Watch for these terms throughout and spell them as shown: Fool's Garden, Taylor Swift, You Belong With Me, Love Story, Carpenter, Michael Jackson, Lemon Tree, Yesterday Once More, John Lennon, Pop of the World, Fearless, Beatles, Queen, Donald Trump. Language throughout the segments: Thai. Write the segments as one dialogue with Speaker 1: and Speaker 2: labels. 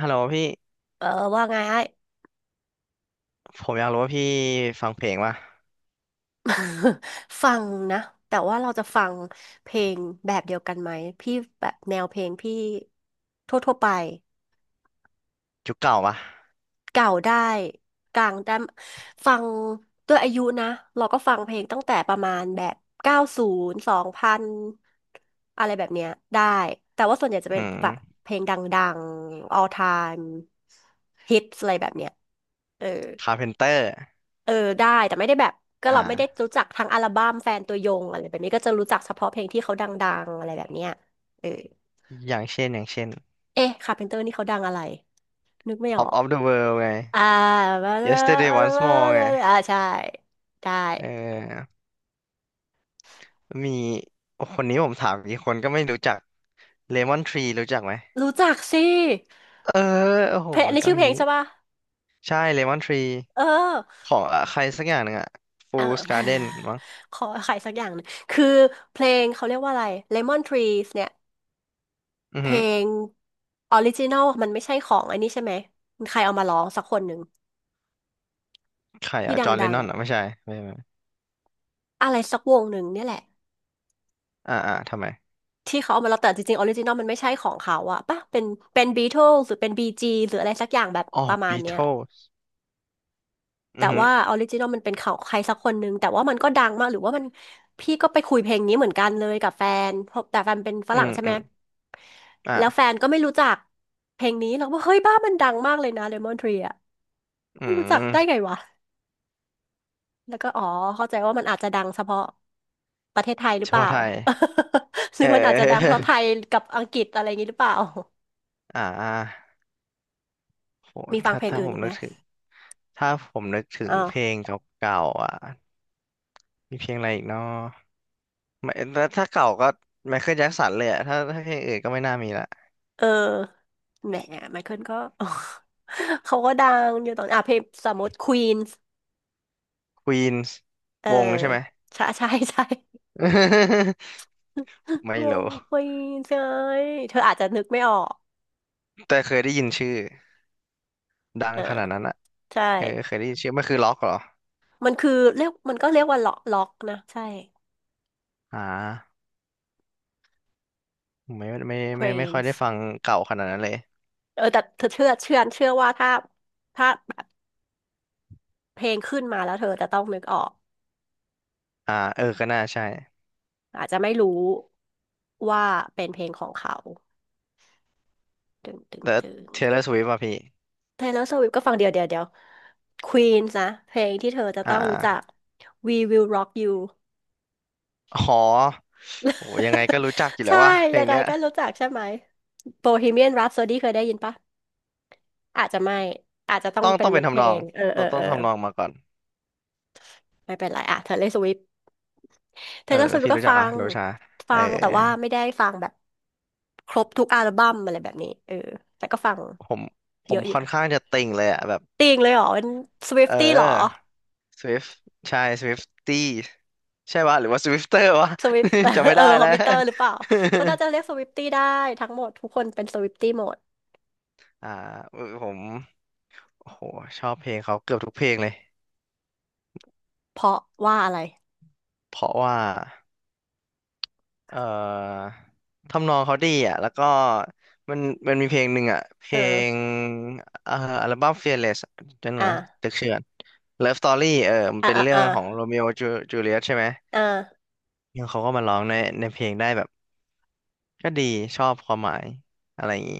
Speaker 1: ฮัลโหลพี่
Speaker 2: เออว่าไงไอ้
Speaker 1: ผมอยากรู้ว่าพี่ฟังเพลงป่ะ
Speaker 2: ฟังนะแต่ว่าเราจะฟังเพลงแบบเดียวกันไหมพี่แบบแนวเพลงพี่ทั่วๆไป
Speaker 1: ยุคเก่าป่ะ
Speaker 2: เก่าได้กลางได้ฟังด้วยอายุนะเราก็ฟังเพลงตั้งแต่ประมาณแบบเก้าศูนย์สองพันอะไรแบบเนี้ยได้แต่ว่าส่วนใหญ่จะ
Speaker 1: อื
Speaker 2: เป็นแบบ
Speaker 1: ม
Speaker 2: เพลงดังๆ all time hits อะไรแบบเนี้ยเออ
Speaker 1: คาร์เพนเตอร์
Speaker 2: เออได้แต่ไม่ได้แบบก็
Speaker 1: อ่า
Speaker 2: เราไม่ได้รู้จักทั้งอัลบั้มแฟนตัวยงอะไรแบบนี้ก็จะรู้จักเฉพาะเพลงที่เขาดังๆอะไรแบบเนี้ยเออ
Speaker 1: อย่างเช่น
Speaker 2: เอ๊ะคาร์เพนเตอร์นี่เขาดังอะไรนึกไม่ออ
Speaker 1: Pop
Speaker 2: ก
Speaker 1: of the World ไง
Speaker 2: อ่า
Speaker 1: Yesterday Once More ไง
Speaker 2: อ่าใช่ได้
Speaker 1: เออมีคนนี้ผมถามอีกคนก็ไม่รู้จัก Lemon Tree รู้จักไหม
Speaker 2: รู้จักสิ
Speaker 1: เออโอ้โห
Speaker 2: เพลงอันนี้
Speaker 1: ต้อง
Speaker 2: ชื่อ
Speaker 1: อ
Speaker 2: เพ
Speaker 1: ย่า
Speaker 2: ล
Speaker 1: ง
Speaker 2: ง
Speaker 1: นี้
Speaker 2: ใช่ป่ะ
Speaker 1: ใช่ Lemon Tree
Speaker 2: เออ
Speaker 1: ของอ่ะใครสักอย่างหนึ่งอะ
Speaker 2: เอ
Speaker 1: Fool's Garden
Speaker 2: อ
Speaker 1: มั้ง
Speaker 2: ขอใครสักอย่างหนึงคือเพลงเขาเรียกว่าอะไร Lemon Trees เนี่ย
Speaker 1: อือ
Speaker 2: เพ
Speaker 1: หื
Speaker 2: ล
Speaker 1: อ
Speaker 2: งออริจินอลมันไม่ใช่ของอันนี้ใช่ไหมใครเอามาร้องสักคนหนึ่ง
Speaker 1: ใคร
Speaker 2: ที่
Speaker 1: อะจอห์นเล
Speaker 2: ดั
Speaker 1: น
Speaker 2: ง
Speaker 1: นอ
Speaker 2: ๆ
Speaker 1: น
Speaker 2: อะ
Speaker 1: อ่ะไม่ใช่ไม่ไม่
Speaker 2: อะไรสักวงหนึ่งเนี่ยแหละ
Speaker 1: อ่าอ่าทำไม
Speaker 2: ที่เขาเอามาแล้วแต่จริงๆออริจินอลมันไม่ใช่ของเขาอะป่ะเป็นเป็นบีทลหรือเป็นบีจีหรืออะไรสักอย่างแบบ
Speaker 1: อ๋อ
Speaker 2: ประมาณเนี้ย
Speaker 1: Beatles
Speaker 2: แต่
Speaker 1: อือหือ
Speaker 2: ว่าออริจินอลมันเป็นของใครสักคนหนึ่งแต่ว่ามันก็ดังมากหรือว่ามันพี่ก็ไปคุยเพลงนี้เหมือนกันเลยกับแฟนเพราะแต่แฟนเป็นฝ
Speaker 1: อื
Speaker 2: รั่ง
Speaker 1: ม
Speaker 2: ใช่
Speaker 1: อื
Speaker 2: ไหม
Speaker 1: มอ่า
Speaker 2: แล้วแฟนก็ไม่รู้จักเพลงนี้เราก็เฮ้ยบ้ามันดังมากเลยนะเลมอนทรีอะ
Speaker 1: อื
Speaker 2: ไม่รู้จักได้
Speaker 1: ม
Speaker 2: ไงวะ แล้วก็อ๋อเข้าใจว่ามันอาจจะดังเฉพาะประเทศไทยหรื
Speaker 1: เฉ
Speaker 2: อเปล่า
Speaker 1: พาะไทย
Speaker 2: หรื
Speaker 1: เอ
Speaker 2: อมันอาจจะดังเท่าไท
Speaker 1: อ
Speaker 2: ย กับอังกฤษอะไรอย่างนี้หรือเปล่า
Speaker 1: อ่าโห
Speaker 2: มีฟัง
Speaker 1: ถ้า
Speaker 2: เพลง
Speaker 1: ถ้า
Speaker 2: อื่
Speaker 1: ผ
Speaker 2: น
Speaker 1: ม
Speaker 2: อีกไห
Speaker 1: นึ
Speaker 2: ม
Speaker 1: กถึงถ้าผมนึกถึ
Speaker 2: อ๋
Speaker 1: ง
Speaker 2: อ
Speaker 1: เพลงเก่าๆอ่ะมีเพลงอะไรอีกเนาะไม่ถ้าเก่าก็ไมเคิลแจ็คสันเลยอะถ้าเพลงอื่นก็ไม่น่ามีละ
Speaker 2: เออแหมไมเคิลก็ เขาก็ดังอยู่ตอนอ่ะเพลงสมมติควีนส์
Speaker 1: ควีนส์
Speaker 2: เออ
Speaker 1: วงใช่ไหม
Speaker 2: ใช่ใช่ใช่
Speaker 1: ไม่
Speaker 2: ว
Speaker 1: รู้
Speaker 2: งควีนส์ใช่เธออาจจะนึกไม่ออก
Speaker 1: แต่เคยได้ยินชื่อดั
Speaker 2: เอ
Speaker 1: ง
Speaker 2: อ
Speaker 1: ขนาดนั้นอ่ะ
Speaker 2: ใช่
Speaker 1: เออเคยได้ยินชื่อมันคือล็อกเหรอ
Speaker 2: มันคือเรียกมันก็เรียกว่าล็อกล็อกนะใช่
Speaker 1: อ่าผมไม่ค่อยได้
Speaker 2: Queens
Speaker 1: ฟังเก่าขนาดนั้นเลย
Speaker 2: เออแต่เธอเชื่อว่าถ้าถ้าเพลงขึ้นมาแล้วเธอจะต้องนึกออก
Speaker 1: อ่าเออก็น่าใช่
Speaker 2: อาจจะไม่รู้ว่าเป็นเพลงของเขาตึงตึง
Speaker 1: แต่
Speaker 2: ตึง
Speaker 1: Taylor Swift ป่ะพี่
Speaker 2: Taylor Swift ก็ฟังเดียวเดียวเดียว Queen นะเพลงที่เธอจะ
Speaker 1: อ่า
Speaker 2: ต้องรู้จัก We Will Rock You
Speaker 1: อ๋อโหยังไงก็รู้จักอยู่ แล้
Speaker 2: ใช่
Speaker 1: วว่าเพล
Speaker 2: ยั
Speaker 1: ง
Speaker 2: งไง
Speaker 1: เนี้ย
Speaker 2: ก็รู้จักใช่ไหม Bohemian Rhapsody เคยได้ยินปะอาจจะไม่อาจจะต้อง
Speaker 1: ต้อง
Speaker 2: เป็
Speaker 1: ต้
Speaker 2: น
Speaker 1: องเป็
Speaker 2: เนื้
Speaker 1: น
Speaker 2: อเพ
Speaker 1: ทำ
Speaker 2: ล
Speaker 1: นอง
Speaker 2: งเออเอ
Speaker 1: ต้อ
Speaker 2: อ
Speaker 1: งต้อ
Speaker 2: เอ
Speaker 1: ง
Speaker 2: อ
Speaker 1: ทำนองมาก่อน
Speaker 2: ไม่เป็นไรอ่ะเธอเลอรสวิฟเ์เท
Speaker 1: เออ
Speaker 2: ย์เลอร์สวิ
Speaker 1: พี่
Speaker 2: ฟ์ก็
Speaker 1: รู้จั
Speaker 2: ฟั
Speaker 1: กอะ
Speaker 2: ง
Speaker 1: โรชาเอ
Speaker 2: ฟั
Speaker 1: อ
Speaker 2: งแต่ว่าไม่ได้ฟังแบบครบทุกอัลบั้มอะไรแบบนี้เออแต่ก็ฟัง
Speaker 1: ผมผ
Speaker 2: เย
Speaker 1: ม
Speaker 2: อะอยู่
Speaker 1: ค่อน
Speaker 2: นะ
Speaker 1: ข้างจะติ่งเลยอะแบบ
Speaker 2: ติงเลยเหรอเป็นสวิฟ
Speaker 1: เอ
Speaker 2: ตี้เหรอ
Speaker 1: อ Swift ใช่ s w i f t ี้ใช่ปะหรือว่า Swifter วะ
Speaker 2: สวิฟ
Speaker 1: จำ ไม่
Speaker 2: เออ
Speaker 1: ได้
Speaker 2: คอ
Speaker 1: แล้
Speaker 2: ม
Speaker 1: ว
Speaker 2: พิวเตอร์หรือเปล่าเขาน่าจะเรียก สวิฟตี้ได้ทั้งหมดทุกคนเป็นสวิฟตี้หมด
Speaker 1: อ่าผมโอ้โหชอบเพลงเขาเกือบทุกเพลงเลย
Speaker 2: เพราะว่าอะไร
Speaker 1: เพราะว่า เอ่อทำนองเขาดีอ่ะแล้วก็มันมันมีเพลงหนึ่งอ่ะเพ
Speaker 2: เอ
Speaker 1: ลง
Speaker 2: อ
Speaker 1: เอ่ออัลบั้ม Fearless จำหนอย
Speaker 2: อ่ะ
Speaker 1: นะตึกเชื่อน Love Story เออมัน
Speaker 2: อ่ะ
Speaker 1: เป็น
Speaker 2: อ่ะ
Speaker 1: เรื่อง
Speaker 2: อ่ะ
Speaker 1: ของโรมิโอจูเลียตใช่ไหม
Speaker 2: อ่ะ
Speaker 1: แล้วเขาก็มาร้องในเพลงได้แบบก็ดีชอบความหมายอะไรอย่างงี้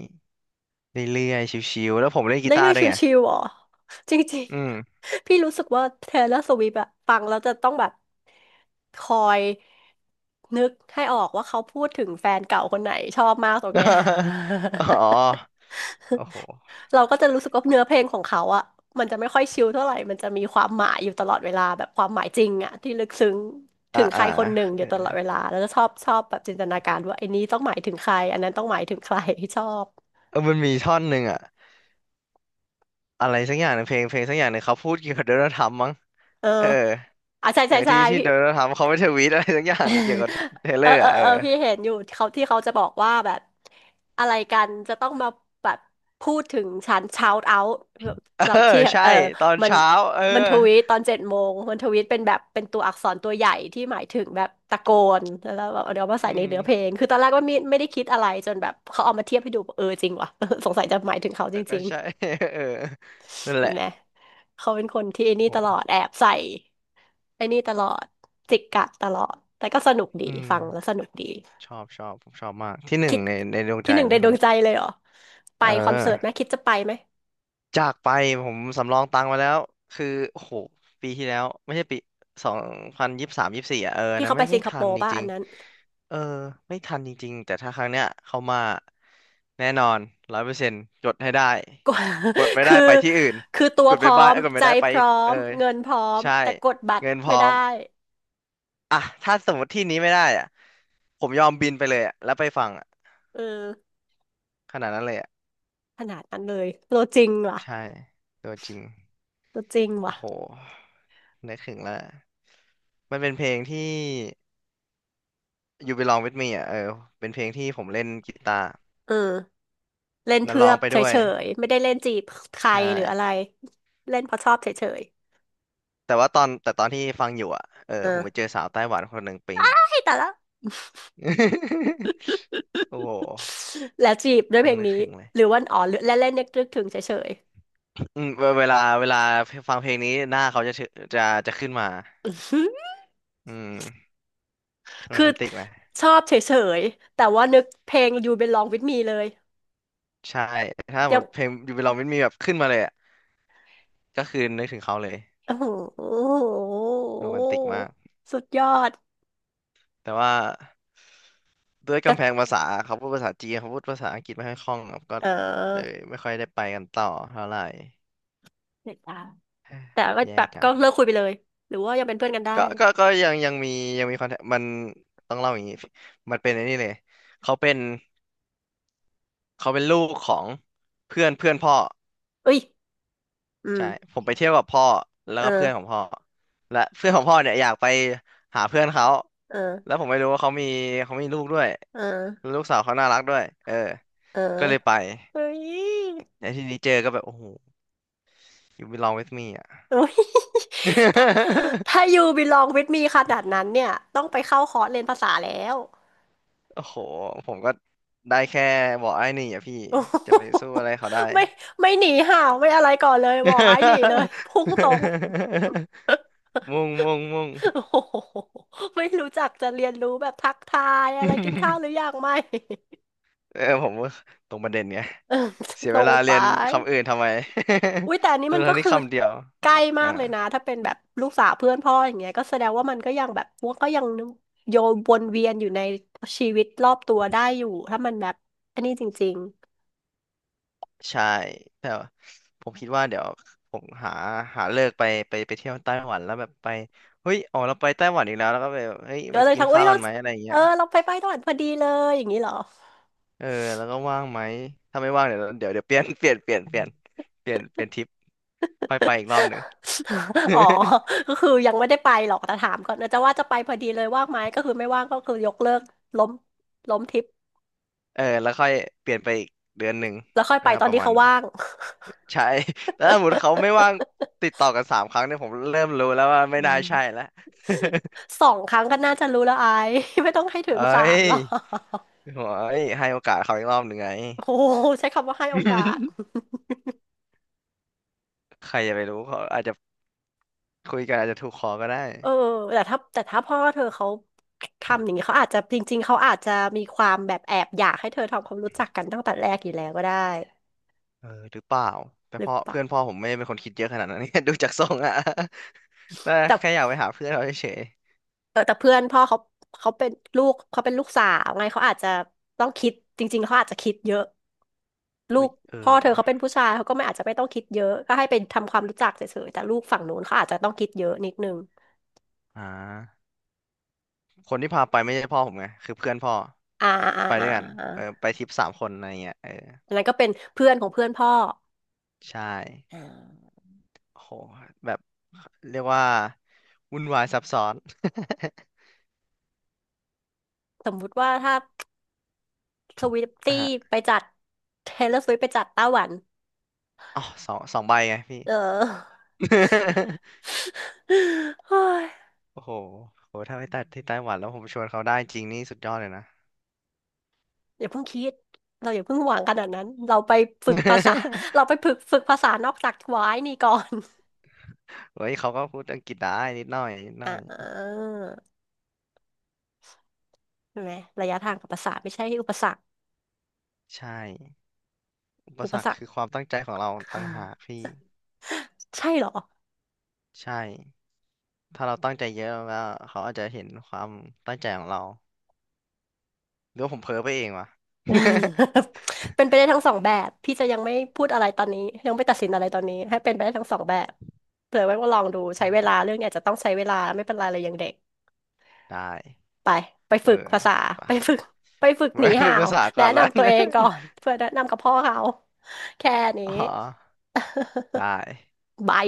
Speaker 1: เรื่อยๆชิวๆแล้วผมเล่นกี
Speaker 2: เล่น
Speaker 1: ตาร์
Speaker 2: ได้
Speaker 1: ด้วยไง
Speaker 2: ชิวๆเหรอจริง
Speaker 1: อืม
Speaker 2: ๆ พี่รู้สึกว่าเทเลอร์สวิฟต์อะฟังแล้วจะต้องแบบคอยนึกให้ออกว่าเขาพูดถึงแฟนเก่าคนไหนชอบมากตรงเนี้ย
Speaker 1: อ๋อโอ้โห
Speaker 2: เราก็จะรู้สึกว่าเนื้อเพลงของเขาอะมันจะไม่ค่อยชิลเท่าไหร่มันจะมีความหมายอยู่ตลอดเวลาแบบความหมายจริงอะที่ลึกซึ้ง
Speaker 1: อ่า
Speaker 2: ถึงใค
Speaker 1: อ่า
Speaker 2: รคนหนึ่งอยู่ตลอดเวลาแล้วก็ชอบชอบแบบจินตนาการว่าไอ้นี้ต้องหมายถึงใครอันนั้นต้องหมายถึงใคร ชอบ
Speaker 1: เออมันมีท่อนหนึ่งอ่ะอะไรสักอย่างในงเพลงสักอย่างหนึ่งเขาพูดเกี่ยวกับโดนัลด์ทรัมป์มั้ง
Speaker 2: เออ
Speaker 1: เออ
Speaker 2: อ่ะใช่
Speaker 1: เออ
Speaker 2: ใช่ใช่
Speaker 1: ที่
Speaker 2: พี่
Speaker 1: โดนัลด์ทรัมป์เขาไม่ทวีตอะไรสักอย่า
Speaker 2: เออ
Speaker 1: งเกี่ยวกับเทเล
Speaker 2: เอ
Speaker 1: อ
Speaker 2: อ
Speaker 1: ร์อ่ะเอ
Speaker 2: เอ
Speaker 1: อ
Speaker 2: อพี่เห็นอยู่เขาที่เขาจะบอกว่าแบบอะไรกันจะต้องมาแบบพูดถึงฉัน shout out แบบ
Speaker 1: เอ
Speaker 2: กับ
Speaker 1: อ
Speaker 2: ที่
Speaker 1: ใช่
Speaker 2: เออ
Speaker 1: ตอน
Speaker 2: มัน
Speaker 1: เช้าเออ
Speaker 2: มันทวีตตอน7 โมงมันทวีตเป็นแบบเป็นตัวอักษรตัวใหญ่ที่หมายถึงแบบตะโกนแล้วแบบเดี๋ยวมาใส่
Speaker 1: อื
Speaker 2: ใน
Speaker 1: ม
Speaker 2: เนื้อเพลงคือตอนแรกว่าไม่ได้คิดอะไรจนแบบเขาเอามาเทียบให้ดูเออจริงว่ะ สงสัยจะหมายถึงเขา
Speaker 1: เอ
Speaker 2: จ
Speaker 1: อก็
Speaker 2: ริง
Speaker 1: ใช่ เออนั่น
Speaker 2: ๆ
Speaker 1: แห
Speaker 2: เห็น
Speaker 1: ละ
Speaker 2: ไหมเขาเป็นคนที่ไอ้นี่
Speaker 1: โอ
Speaker 2: ตลอด
Speaker 1: ้
Speaker 2: แอบใส่ไอ้นี่ตลอดจิกกัดตลอดแต่ก็สนุกดี
Speaker 1: อืม
Speaker 2: ฟังแล้วสนุกดี
Speaker 1: ชอบผมชอบมากที่หนึ่
Speaker 2: คิ
Speaker 1: ง
Speaker 2: ด
Speaker 1: ในดวงใจ
Speaker 2: ที่หนึ่ง
Speaker 1: เล
Speaker 2: ใน
Speaker 1: ยค
Speaker 2: ด
Speaker 1: น
Speaker 2: วง
Speaker 1: เนี้ย
Speaker 2: ใจเลยเหรอไป
Speaker 1: เอ
Speaker 2: คอนเสิร์ตไหม
Speaker 1: อ
Speaker 2: คิดจะไปไหม
Speaker 1: จากไปผมสำรองตังค์ไว้แล้วคือโอ้โหปีที่แล้วไม่ใช่ปี202324อ่ะเออ
Speaker 2: ที่
Speaker 1: นะ
Speaker 2: เขาไป
Speaker 1: ไม่
Speaker 2: สิ
Speaker 1: ไม่
Speaker 2: งคโป
Speaker 1: ทัน
Speaker 2: ร์
Speaker 1: จ
Speaker 2: ป่ะ
Speaker 1: ริ
Speaker 2: อั
Speaker 1: ง
Speaker 2: นนั้น
Speaker 1: ๆเออไม่ทันจริงๆแต่ถ้าครั้งเนี้ยเข้ามาแน่นอน100%กดให้ได้
Speaker 2: กว่า
Speaker 1: กดไม่ ได้
Speaker 2: คือ
Speaker 1: ไปที่อื่น
Speaker 2: คือตัว
Speaker 1: กด
Speaker 2: พ
Speaker 1: ไป
Speaker 2: ร้อ
Speaker 1: บ้า
Speaker 2: ม
Speaker 1: เอ้ยกด
Speaker 2: ใจ
Speaker 1: ไม่ได้ไป
Speaker 2: พร้อ
Speaker 1: เออ
Speaker 2: มเงินพร้อม
Speaker 1: ใช่
Speaker 2: แต่กดบัตร
Speaker 1: เงินพ
Speaker 2: ไม่
Speaker 1: ร้อ
Speaker 2: ได้
Speaker 1: มอ่ะถ้าสมมติที่นี้ไม่ได้อ่ะผมยอมบินไปเลยอ่ะแล้วไปฟังอ่ะ
Speaker 2: เออ
Speaker 1: ขนาดนั้นเลยอ่ะ
Speaker 2: ขนาดนั้นเลยตัวจริงว่ะ
Speaker 1: ใช่ตัวจริง
Speaker 2: ตัวจริงว่ะ
Speaker 1: โห นึกถึงแล้ว มันเป็นเพลงที่ You Belong With Me อ่ะ เออ เป็นเพลงที่ผมเล่นกีตาร์
Speaker 2: เออเล่น
Speaker 1: แล้ว
Speaker 2: เพื่
Speaker 1: ร้
Speaker 2: อ
Speaker 1: องไป
Speaker 2: เฉ
Speaker 1: ด้วย
Speaker 2: ยๆไม่ได้เล่นจีบใคร
Speaker 1: ใช่
Speaker 2: หรืออะไรเล่นเพราะชอบเฉย
Speaker 1: แต่ว่าตอนที่ฟังอยู่อ่ะ เออ
Speaker 2: ๆเออ
Speaker 1: ผมไปเจอสาวไต้หวันคนหนึ่งปิ๊ง
Speaker 2: ให้แต่ละ
Speaker 1: โอ้โห
Speaker 2: แล้วจีบด้วยเพ
Speaker 1: ยั
Speaker 2: ล
Speaker 1: ง
Speaker 2: ง
Speaker 1: นึก
Speaker 2: นี้
Speaker 1: ถึงเลย
Speaker 2: หรือว่าอ๋อและเล่นนึกถึงเฉย
Speaker 1: อืมเวลาฟังเพลงนี้หน้าเขาจะเชจะจะขึ้นมา
Speaker 2: ๆ
Speaker 1: อืม โร
Speaker 2: คือ
Speaker 1: แมนติกไหม
Speaker 2: ชอบเฉยๆแต่ว่านึกเพลง You Belong With Me เลย
Speaker 1: ใช่ ถ้าหม
Speaker 2: ยัง
Speaker 1: ดเพลง You Belong With Me แบบขึ้นมาเลยอ่ะก็คือนึกถึงเขาเลย
Speaker 2: โอ้โห
Speaker 1: โรแมนติกมาก
Speaker 2: สุดยอด
Speaker 1: แต่ว่า ด้วย
Speaker 2: ก็
Speaker 1: กำแพงภาษาเขาพูดภาษาจีนเขาพูดภาษาอังกฤษไม่ค่อยคล่องครับก็
Speaker 2: เ
Speaker 1: เลย
Speaker 2: ออ
Speaker 1: ไม่ค่อยได้ไปกันต่อเท่าไหร่
Speaker 2: เด็ดจา
Speaker 1: เฮ้ย
Speaker 2: แต่ก็
Speaker 1: แย่
Speaker 2: แบบ
Speaker 1: จั
Speaker 2: ก็
Speaker 1: ง
Speaker 2: เลิกคุยไปเลย หรือว่ายังเป็นเพื่อนกันได้
Speaker 1: ก็ยังมีคอนแทคมันต้องเล่าอย่างนี้มันเป็นไอ้นี่เลยเขาเป็นเขาเป็นลูกของเพื่อนเพื่อนพ่อ
Speaker 2: เอ้ยอืม
Speaker 1: ใช่ผมไปเที่ยวกับพ่อแล้วก็เพื่อนขอ
Speaker 2: เออ
Speaker 1: งพ่อและเพื่อนของพ่อเนี่ยอยากไปหาเพื่อนเขา
Speaker 2: เออ
Speaker 1: แล้วผมไม่รู้ว่าเขามีลูกด้วย
Speaker 2: เออ
Speaker 1: แลวลูกสาวเขาน่ารักด้วยเออ
Speaker 2: เออ
Speaker 1: ก็เลยไป
Speaker 2: เฮ้ย
Speaker 1: ในที่นี้เจอก็แบบโอ้โห You belong with me อ่ะ
Speaker 2: เอ้ยถ้าถ้า You Belong With Me ขนาดนั้นเนี่ยต้องไปเข้าคอร์สเรียนภาษาแล้ว
Speaker 1: โอ้โห ผมก็ได้แค่บอกไอ้นี่อ่ะพี่
Speaker 2: โอ้
Speaker 1: จะ
Speaker 2: โห
Speaker 1: ไปสู้อะไรเขาได้
Speaker 2: ไม่ไม่หนีห่าวไม่อะไรก่อนเลยบอกไอ้หนีเลยพุ่งตรง
Speaker 1: มุ่ง มุ่ง มุ่ง
Speaker 2: โอ้โหไม่รู้จักจะเรียนรู้แบบทักทายอะไรกินข้าวหรือยั งไม่
Speaker 1: เออผมว่าตรงประเด็นไง
Speaker 2: เออ
Speaker 1: เสีย
Speaker 2: ตร
Speaker 1: เว
Speaker 2: ง
Speaker 1: ลา
Speaker 2: ไป
Speaker 1: เรียนคำอื่นทำไม
Speaker 2: อุ้ยแต่อันนี้ มัน
Speaker 1: ทั้
Speaker 2: ก็
Speaker 1: งๆที่
Speaker 2: คือ
Speaker 1: คำเดียว
Speaker 2: ใกล้
Speaker 1: อ่ะ
Speaker 2: มา
Speaker 1: อ่า
Speaker 2: กเลยนะถ้าเป็นแบบลูกสาวเพื่อนพ่ออย่างเงี้ยก็แสดงว่ามันก็ยังแบบมันก็ยังโยนวนเวียนอยู่ในชีวิตรอบตัวได้อยู่ถ้ามันแบบอันนี้จริง
Speaker 1: ใช่แต่ว่าผมคิดว่าเดี๋ยวผมหาเลิกไปเที่ยวไต้หวันแล้วแบบไป เฮ้ยอ๋อเราไปไต้หวันอีกแล้วแล้วก็ไปแบบเฮ้ย
Speaker 2: ๆก็
Speaker 1: มา
Speaker 2: เลย
Speaker 1: กิ
Speaker 2: ทั
Speaker 1: น
Speaker 2: กอุ้
Speaker 1: ข้า
Speaker 2: ย
Speaker 1: ว
Speaker 2: เรา
Speaker 1: กันไหมอะไรอย่าง
Speaker 2: เอ
Speaker 1: เงี้
Speaker 2: อ
Speaker 1: ย
Speaker 2: เราไปตอนพอดีเลยอย่างนี้เหรอ
Speaker 1: เออแล้วก็ว่างไหมถ้าไม่ว่างเดี๋ยวเดี๋ยวเดี๋ยว เปลี่ยนเปลี่ยนเปลี่ยนเปลี่ยนเปลี่ยนเปลี่ยนทริปค่อยไปอีกรอบหนึ่ง
Speaker 2: อ๋อ ก็คือยังไม่ได้ไปหรอกแต่ถามก่อนนะจะว่าจะไปพอดีเลยว่างไหมก็คือไม่ว่างก็คือยกเลิกล้มล้มทริป
Speaker 1: เออแล้วค่อยเปลี่ยนไปอีกเดือนหนึ่ง
Speaker 2: แล้วค่อยไป
Speaker 1: อ่า
Speaker 2: ตอ
Speaker 1: ป
Speaker 2: น
Speaker 1: ระ
Speaker 2: ที่
Speaker 1: มาณ
Speaker 2: เขา
Speaker 1: นั้น
Speaker 2: ว่าง
Speaker 1: ใช่ แล้วถ้าสมมติเขาไม่ว่างติดต่อกัน3 ครั้งเนี่ยผมเริ่มรู้แล้วว่า
Speaker 2: อื
Speaker 1: ไม่น่า
Speaker 2: ม
Speaker 1: ใช่แล้ว
Speaker 2: สองครั้งก็น่าจะรู้แล้วไอ้ ไม่ต้องให้ ถึง
Speaker 1: เอ้
Speaker 2: สามห
Speaker 1: ย
Speaker 2: รอก
Speaker 1: โอ้ยให้โอกาสเขาอีกรอบหนึ่งไง
Speaker 2: โอ้โหใช้คำว่าให้โอกาส
Speaker 1: ใครจะไปรู้เขาอาจจะคุยกันอาจจะถูกคอก็ได้
Speaker 2: เออแต่ถ้าพ่อเธอเขาทำอย่างนี้เขาอาจจะจริงๆเขาอาจจะมีความแบบแอบอยากให้เธอทำความรู้จักกันตั้งแต่แรกอยู่แล้วก็ได้
Speaker 1: เออหรือเปล่าแต่
Speaker 2: หรือ
Speaker 1: พ่อ
Speaker 2: เปล่า
Speaker 1: เพื่อนพ่อผมไม่ได้เป็นคนคิดเยอะขนาดนั้น ดูจากทรงอะ แต่
Speaker 2: แต่
Speaker 1: แค่อยากไปหาเพื่อนเราเฉย
Speaker 2: เออแต่เพื่อนพ่อเขาเขาเป็นเขาเป็นลูกสาวไงเขาอาจจะต้องคิดจริงๆเขาอาจจะคิดเยอะลู
Speaker 1: เอ้
Speaker 2: ก
Speaker 1: ยเออ
Speaker 2: พ่อเธอ
Speaker 1: ว่ะ
Speaker 2: เขาเป็นผู้ชายเขาก็ไม่อาจจะไม่ต้องคิดเยอะก็ให้ไปทำความรู้จักเฉยๆแต่ลูกฝั่งนู้นเขาอาจจะต้องคิดเยอะนิดนึง
Speaker 1: อ่าคนที่พาไปไม่ใช่พ่อผมไงคือเพื่อนพ่อ
Speaker 2: อ่าอ่า
Speaker 1: ไป
Speaker 2: อ่า
Speaker 1: ด้วยกัน
Speaker 2: อา
Speaker 1: เออไปทริป3 คนอะไรเงี้ยเออ
Speaker 2: อันนั้นก็เป็นเพื่อนของเพื่อนพ่อ
Speaker 1: ใช่
Speaker 2: อ่า
Speaker 1: โโหแบบเรียกว่าวุ่นวายซับซ้อน
Speaker 2: สมมุติว่าถ้าสวิฟ
Speaker 1: อ่ะ
Speaker 2: ตี้
Speaker 1: ฮะ
Speaker 2: ไปจัดเทเลอร์สวิฟไปจัดไต้หวัน
Speaker 1: อ๋อสองใบไงพี่
Speaker 2: เออ เฮ้ย
Speaker 1: โอ้โหโหถ้าไปตัดที่ไต้หวันแล้วผมชวนเขาได้จริงนี่สุดยอดเลยนะ
Speaker 2: อย่าเพิ่งคิดเราอย่าเพิ่งหวังขนาดนั้นเราไปฝึกภาษา เราไปฝึกภาษานอกจากวายนี่ก่อน
Speaker 1: เฮ้ยเขาก็พูดอังกฤษได้นิดหน่อยนิดห น่
Speaker 2: อ่
Speaker 1: อย
Speaker 2: าใช่ไหมระยะทางกับภาษาไม่ใช่อุปสรรค
Speaker 1: ใช่อุป
Speaker 2: อุ
Speaker 1: ส
Speaker 2: ป
Speaker 1: ร
Speaker 2: ส
Speaker 1: รค
Speaker 2: รร
Speaker 1: คือ
Speaker 2: ค
Speaker 1: ความตั้งใจของเราต่างหากพี่
Speaker 2: ใช่เหรอ
Speaker 1: ใช่ ถ้าเราตั้งใจเยอะแล้วเขาอาจจะเห็นความตั้งใจของเราหรือว่าผมเพ้อไปเองวะ
Speaker 2: เป็นไปได้ทั้งสองแบบพี่จะยังไม่พูดอะไรตอนนี้ยังไม่ตัดสินอะไรตอนนี้ให้เป็นไปได้ทั้งสองแบบเผื่อไว้ว่าลองดูใช้
Speaker 1: โอ
Speaker 2: เวลา
Speaker 1: ้
Speaker 2: เรื่องเนี่ยจะต้องใช้เวลาไม่เป็นไรเลยยังเด็ก
Speaker 1: ได้
Speaker 2: ไปไป
Speaker 1: เอ
Speaker 2: ฝึ
Speaker 1: อ
Speaker 2: กภาษา
Speaker 1: ป่ะ
Speaker 2: ไปฝึกไปฝึก ห
Speaker 1: ไว้
Speaker 2: นี
Speaker 1: ฝึ
Speaker 2: ห่า
Speaker 1: ก
Speaker 2: ว
Speaker 1: ภาษาก่
Speaker 2: แนะ
Speaker 1: อนแล้ว
Speaker 2: นำตั ว
Speaker 1: นะ
Speaker 2: เองก่อนเพื่อแนะนำกับพ่อเขาแค่นี้
Speaker 1: อ๋อได้
Speaker 2: บาย